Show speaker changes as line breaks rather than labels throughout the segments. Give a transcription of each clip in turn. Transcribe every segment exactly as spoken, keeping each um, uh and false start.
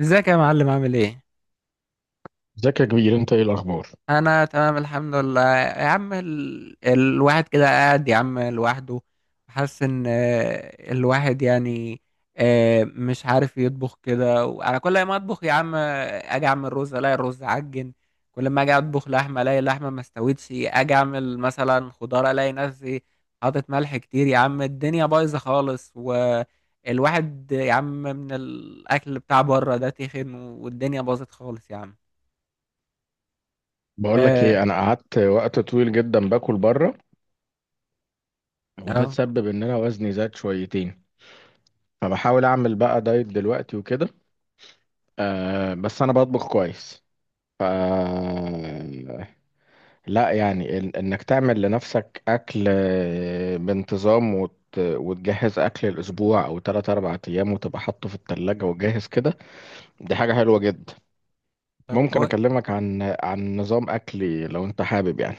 ازيك يا معلم، عامل ايه؟
ازيك يا كبير؟ انت ايه الاخبار؟
انا تمام الحمد لله يا عم. ال... الواحد كده قاعد يا عم لوحده، حاسس ان آه، الواحد يعني آه، مش عارف يطبخ كده. وعلى كل ما اطبخ يا عم، آه، اجي اعمل رز الاقي الرز عجن. كل ما اجي اطبخ لحمه الاقي اللحمه ما استوتش. اجي اعمل مثلا خضار الاقي نفسي حاطط ملح كتير يا عم، الدنيا بايظه خالص. والواحد يا عم من الاكل بتاع بره ده تخن، والدنيا باظت خالص يا عم.
بقول لك
اه،
ايه، انا قعدت وقت طويل جدا باكل بره، وده
اه،
تسبب ان انا وزني زاد شويتين، فبحاول اعمل بقى دايت دلوقتي وكده. أه، بس انا بطبخ كويس. ف لا يعني إن- انك تعمل لنفسك اكل آه، بانتظام، وت... وتجهز اكل الاسبوع او ثلاثة أربعة ايام وتبقى حاطه في التلاجة وجاهز كده. دي حاجة حلوة جدا.
طب
ممكن
كويس.
اكلمك عن عن نظام اكلي لو انت حابب يعني.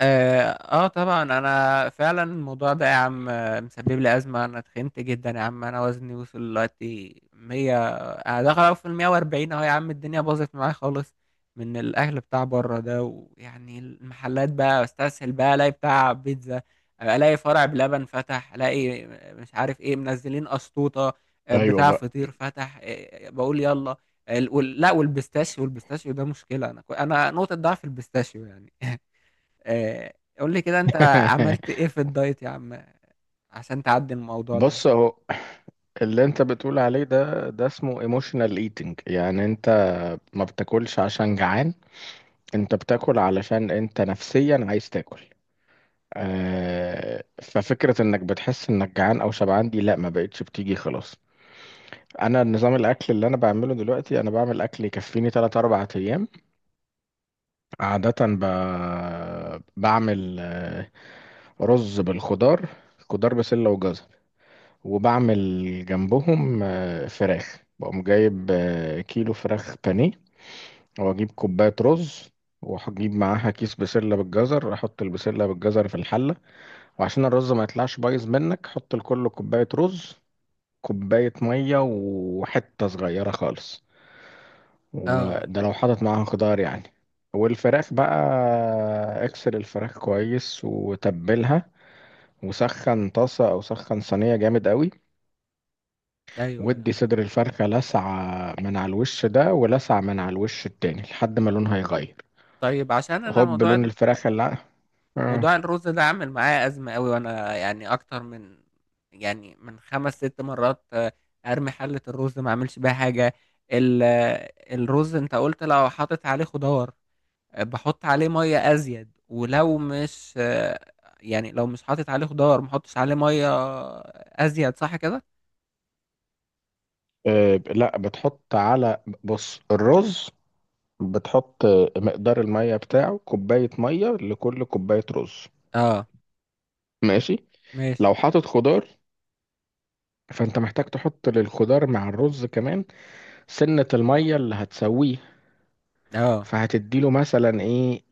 آه, اه طبعا، انا فعلا الموضوع ده يا عم آه، مسبب لي ازمه. انا تخنت جدا يا عم، انا وزني وصل دلوقتي مية، انا داخل في ال مية واربعين اهو يا عم. الدنيا باظت معايا خالص من الاكل بتاع بره ده. ويعني المحلات بقى، استسهل بقى، الاقي بتاع بيتزا، الاقي فرع بلبن فتح، الاقي مش عارف ايه منزلين اسطوطه، آه،
ايوه
بتاع
بقى.
فطير فتح، آه، آه، بقول يلا. ال- وال- لا، والبيستاشيو والبيستاشيو ده مشكله. انا كو- انا نقطه ضعف البيستاشيو يعني. آه، قول لي كده انت، عملت ايه في الدايت يا عم عشان تعدي الموضوع ده.
بص اهو، اللي انت بتقول عليه ده ده اسمه ايموشنال ايتنج، يعني انت ما بتاكلش عشان جعان، انت بتاكل علشان انت نفسيا عايز تاكل. آه، ففكرة انك بتحس انك جعان او شبعان دي، لا، ما بقتش بتيجي خلاص. انا نظام الاكل اللي انا بعمله دلوقتي، انا بعمل اكل يكفيني تلات أربعة ايام. عادة ب... بعمل آه، رز بالخضار، خضار بسلة وجزر، وبعمل جنبهم آه، فراخ، بقوم جايب آه، كيلو فراخ بانيه، واجيب كوباية رز، وهجيب معاها كيس بسلة بالجزر، احط البسلة بالجزر في الحلة. وعشان الرز ما يطلعش بايظ منك، حط لكل كوباية رز كوباية مية وحتة صغيرة خالص،
اه،
وده لو حاطط معاها خضار يعني. والفراخ بقى، اكسر الفراخ كويس وتبلها، وسخن طاسة أو سخن صينية جامد قوي.
ايوه، أيوة.
ودي صدر الفرخة، لسعة من على الوش ده ولسعة من على الوش التاني لحد ما لونها يغير.
طيب، عشان انا
هوب،
موضوع
لون
ال-
الفراخ اللي ع- آه.
موضوع الرز ده عامل معايا ازمه قوي. وانا يعني اكتر من، يعني من خمس ست مرات آه، ارمي حله الرز ما اعملش بيها حاجه. ال- آه، الرز انت قلت لو حاطط عليه خضار، آه، بحط عليه ميه ازيد. ولو مش آه، يعني لو مش حاطط عليه خضار ما احطش عليه ميه ازيد، صح كده؟
آه، لا، بتحط على، بص، الرز، بتحط مقدار المية بتاعه كوباية مية لكل كوباية رز،
اه،
ماشي.
ماشي.
لو حاطط خضار، فانت محتاج تحط للخضار مع الرز كمان سنة المية اللي هتسويه.
اه،
فهتديله مثلا ايه؟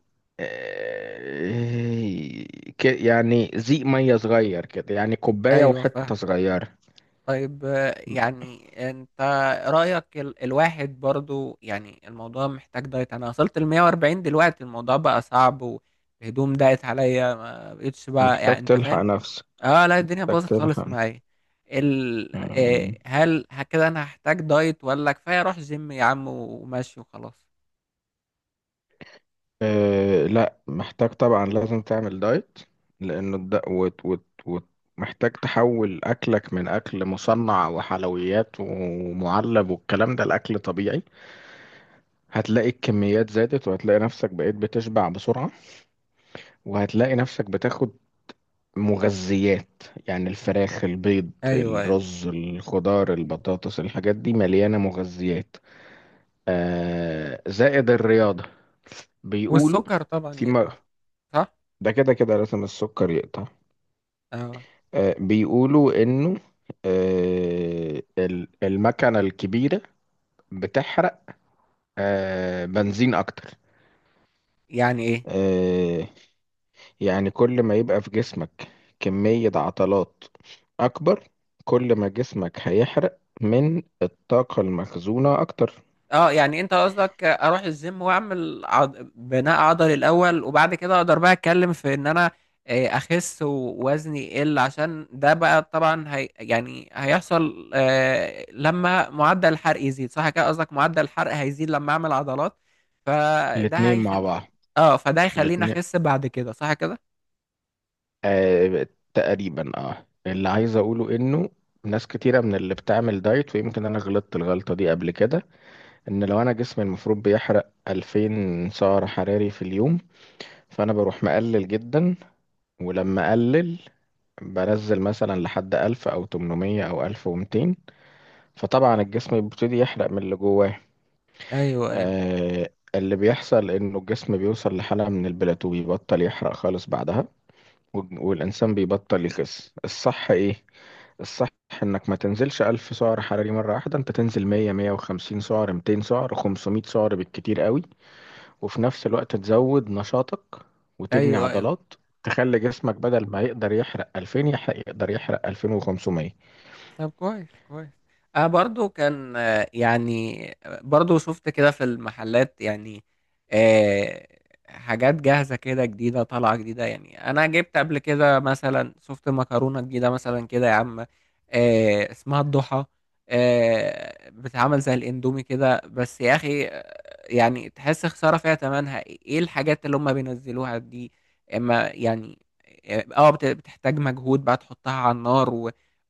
آه، ك- يعني زيق مية صغير كده، يعني كوباية
ايوه
وحتة
فاهمك.
صغيرة.
طيب، آه، يعني انت رأيك، ال الواحد برضو يعني الموضوع محتاج دايت. انا وصلت ل مية واربعين دلوقتي، الموضوع بقى صعب، والهدوم ضاقت عليا ما بقتش بقى،
محتاج
يعني انت
تلحق
فاهم.
نفسك،
اه، لا، الدنيا
محتاج
باظت خالص
تلحق.
معايا. ال آه،
مم.
هل ه- كده انا هحتاج دايت ولا كفاية اروح جيم يا عم وماشي وخلاص؟
أه، لا محتاج طبعا، لازم تعمل دايت، لأنه الد... وت... وت... وت... محتاج تحول أكلك من أكل مصنع وحلويات ومعلب والكلام ده لأكل طبيعي. هتلاقي الكميات زادت، وهتلاقي نفسك بقيت بتشبع بسرعة، وهتلاقي نفسك بتاخد مغذيات، يعني الفراخ، البيض،
ايوه، ايوه.
الرز، الخضار، البطاطس، الحاجات دي مليانة مغذيات. أه، زائد الرياضة. بيقولوا.
والسكر طبعا
في م-
يقطع، صح.
ده كده كده لازم السكر يقطع.
اه.
آه، بيقولوا انه آه، ال- المكنة الكبيرة بتحرق آه، بنزين اكتر.
يعني ايه؟
آه، يعني كل ما يبقى في جسمك كمية عضلات اكبر، كل ما جسمك هيحرق من الطاقة المخزونة اكتر.
اه، يعني انت قصدك اروح الجيم واعمل عض... بناء عضلي الاول، وبعد كده اقدر بقى اتكلم في ان انا آه، اخس ووزني يقل، عشان ده بقى طبعا هي... يعني هيحصل آه، لما معدل الحرق يزيد، صح كده؟ قصدك معدل الحرق هيزيد لما اعمل عضلات، فده
الاتنين مع بعض،
هيخليني. اه، فده هيخليني
الاتنين
اخس بعد كده، صح كده؟
آه، تقريبا. اه اللي عايز اقوله انه ناس كتيرة من اللي بتعمل دايت، ويمكن انا غلطت الغلطة دي قبل كده. ان لو انا جسمي المفروض بيحرق الفين سعر حراري في اليوم، فانا بروح مقلل جدا، ولما اقلل بنزل مثلا لحد ألف او تمنمية او ألف ومئتين، فطبعا الجسم بيبتدي يحرق من اللي جواه.
ايوه، ايوه.
آه اللي بيحصل انه الجسم بيوصل لحالة من البلاتو، بيبطل يحرق خالص بعدها، والج- والانسان بيبطل يخس. الصح ايه؟ الصح انك ما تنزلش الف سعر حراري مرة واحدة، انت تنزل مية، مية وخمسين سعر، مئتين سعر، خمسمئة سعر بالكتير قوي، وفي نفس الوقت تزود نشاطك وتبني
ايوه، ايوه.
عضلات، تخلي جسمك بدل ما يقدر يحرق ألفين، يحرق يقدر يحرق الفين وخمسمية.
طب كويس، كويس. انا برضو كان آه، يعني آه، برضو شفت كده في المحلات يعني. آه، حاجات جاهزة كده جديدة طالعة جديدة. يعني انا جبت قبل كده مثلا، شفت مكرونة جديدة مثلا كده يا عم، آه، اسمها الضحى. آه، بتتعمل زي الاندومي كده بس يا اخي، آه، يعني تحس خسارة فيها. تمنها ايه الحاجات اللي هم بينزلوها دي؟ اما يعني، اه، آه، بت- بتحتاج مجهود بقى تحطها على النار،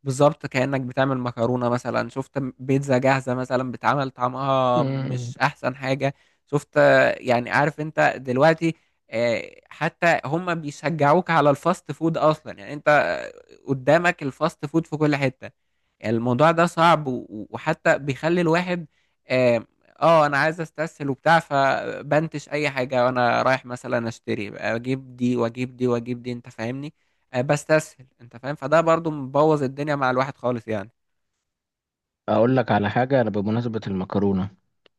بالظبط كأنك بتعمل مكرونة. مثلا شفت بيتزا جاهزة مثلا بتعمل، طعمها
مم.
مش أحسن حاجة. شفت، يعني عارف أنت دلوقتي؟ آه، حتى هم بيشجعوك على الفاست فود أصلا. يعني أنت قدامك الفاست فود في كل حتة. يعني الموضوع ده صعب، و- وحتى بيخلي الواحد، آه آه، أنا عايز أستسهل وبتاع، فبنتش أي حاجة. وأنا رايح مثلا أشتري، أجيب دي وأجيب دي وأجيب دي، أنت فاهمني؟ آه، بستسهل انت فاهم، فده برضو مبوظ الدنيا مع الواحد خالص يعني.
اقول لك على حاجه، انا بمناسبه المكرونه،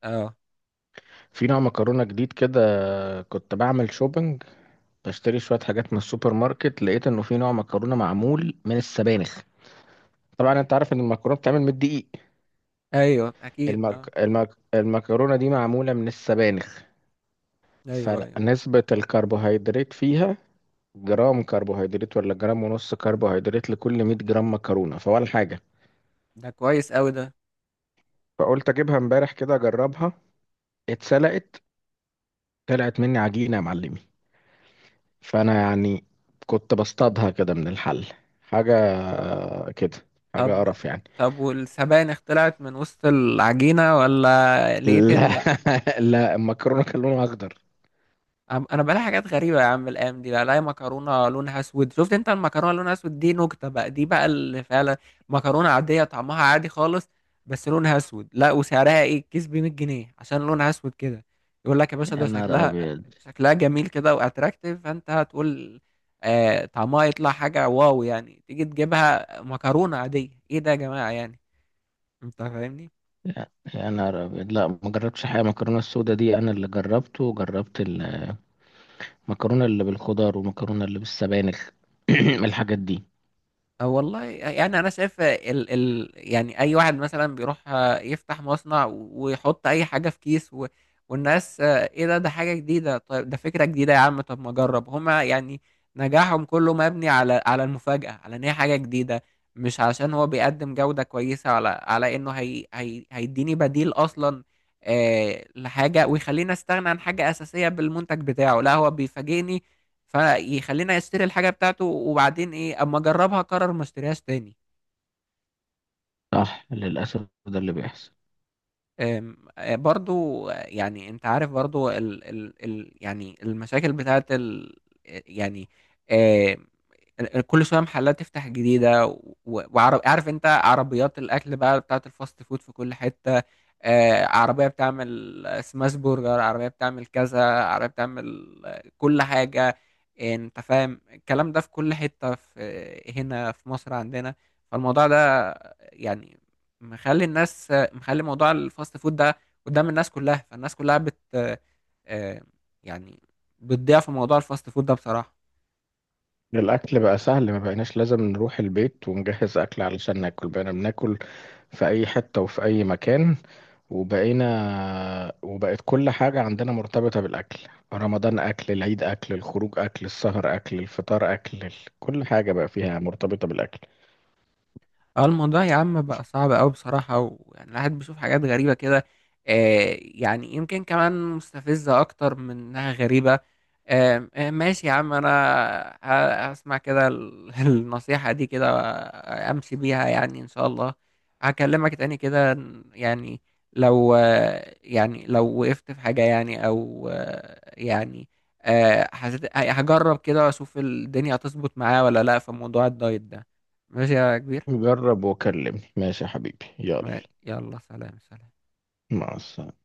اه،
في نوع مكرونه جديد كده. كنت بعمل شوبينج، بشتري شويه حاجات من السوبر ماركت، لقيت انه في نوع مكرونه معمول من السبانخ. طبعا انت عارف ان المكرونه بتتعمل من الدقيق،
ايوه اكيد،
المك...
اه.
المك... المكرونه دي معموله من السبانخ،
ايوه، ايوه.
فنسبه الكربوهيدرات فيها جرام كربوهيدرات ولا جرام ونص كربوهيدرات لكل مية جرام مكرونة، فولا حاجة.
ده كويس قوي ده.
فقلت اجيبها امبارح كده اجربها، اتسلقت، طلعت مني عجينة يا معلمي. فانا يعني كنت بصطادها كده من الحل، حاجة كده، حاجة
طب.
قرف يعني.
طب، والسبانخ طلعت من وسط العجينة ولا لقيت
لا.
ان
لا، المكرونة كان لونها اخضر.
عم- انا بلاقي حاجات غريبه يا عم الايام دي، بلاقي مكرونه لونها اسود. شفت انت المكرونه لونها اسود دي؟ نكته بقى، دي بقى اللي فعلا مكرونه عاديه طعمها عادي خالص، بس لونها اسود. لا، وسعرها ايه؟ الكيس ب مية جنيه عشان لونها اسود كده. يقول لك يا باشا
يا
ده
نهار
شكلها
ابيض.
شكلها جميل كده واتراكتيف، فانت هتقول آه طعمها يطلع حاجه واو. يعني تيجي تجيبها مكرونه عاديه، ايه ده يا جماعه يعني، انت فاهمني.
يا نهار ابيض، لا ما جربتش حاجه، المكرونه السودا دي انا اللي جربته، وجربت المكرونه اللي بالخضار والمكرونه اللي بالسبانخ. الحاجات دي
أو والله، يعني انا شايف ال ال يعني اي واحد مثلا بيروح آه، يفتح مصنع ويحط اي حاجه في كيس. و والناس آه، ايه ده ده حاجه جديده، طيب ده فكره جديده يا عم، طب ما اجرب. هما يعني نجاحهم كله مبني على على المفاجاه، على ان هي حاجه جديده، مش عشان هو بيقدم جوده كويسه، على على انه هي هي هيديني بديل اصلا آه لحاجه، ويخليني استغنى عن حاجه اساسيه بالمنتج بتاعه. لا، هو بيفاجئني فيخليني اشتري الحاجه بتاعته، وبعدين ايه؟ اما اجربها اقرر ما اشتريهاش تاني.
صح، للأسف ده اللي بيحصل.
أم، آه، برضو آه، يعني انت عارف، برضو ال ال ال يعني المشاكل بتاعت ال آه، يعني آه، ال- كل شويه محلات تفتح جديده. وعارف، عارف انت عربيات الاكل بقى بتاعت الفاست فود في كل حته، آه، عربية بتعمل سماش برجر، عربية بتعمل كذا، عربية بتعمل آه، كل حاجة. آه، انت فاهم الكلام ده في كل حتة في آه، هنا في مصر عندنا. فالموضوع ده، يعني، مخلي الناس، آه، مخلي موضوع الفاست فود ده قدام الناس كلها. فالناس كلها بت آه، آه، يعني بتضيع في موضوع الفاست فود ده بصراحة.
الأكل بقى سهل، ما بقيناش لازم نروح البيت ونجهز أكل علشان ناكل، بقينا بناكل في أي حتة وفي أي مكان، وبقينا وبقت كل حاجة عندنا مرتبطة بالأكل: رمضان أكل، العيد أكل، الخروج أكل، السهر أكل، الفطار أكل، ال- كل حاجة بقى فيها مرتبطة بالأكل.
اه، الموضوع يا عم بقى صعب قوي بصراحة. ويعني الواحد بيشوف حاجات غريبة كده، آه يعني يمكن كمان مستفزة أكتر من إنها غريبة. آه آه، ماشي يا عم. أنا ه- هسمع كده ال- النصيحة دي كده، آه، أمشي بيها يعني إن شاء الله. هكلمك تاني كده، يعني لو آه، يعني لو وقفت في حاجة، يعني أو آه، يعني آه، حسيت، هجرب كده وأشوف الدنيا هتظبط معايا ولا لأ في موضوع الدايت ده. ماشي يا كبير.
جرب وكلمني، ماشي يا حبيبي، يلا.
و- يلا، سلام سلام.
مع السلامة.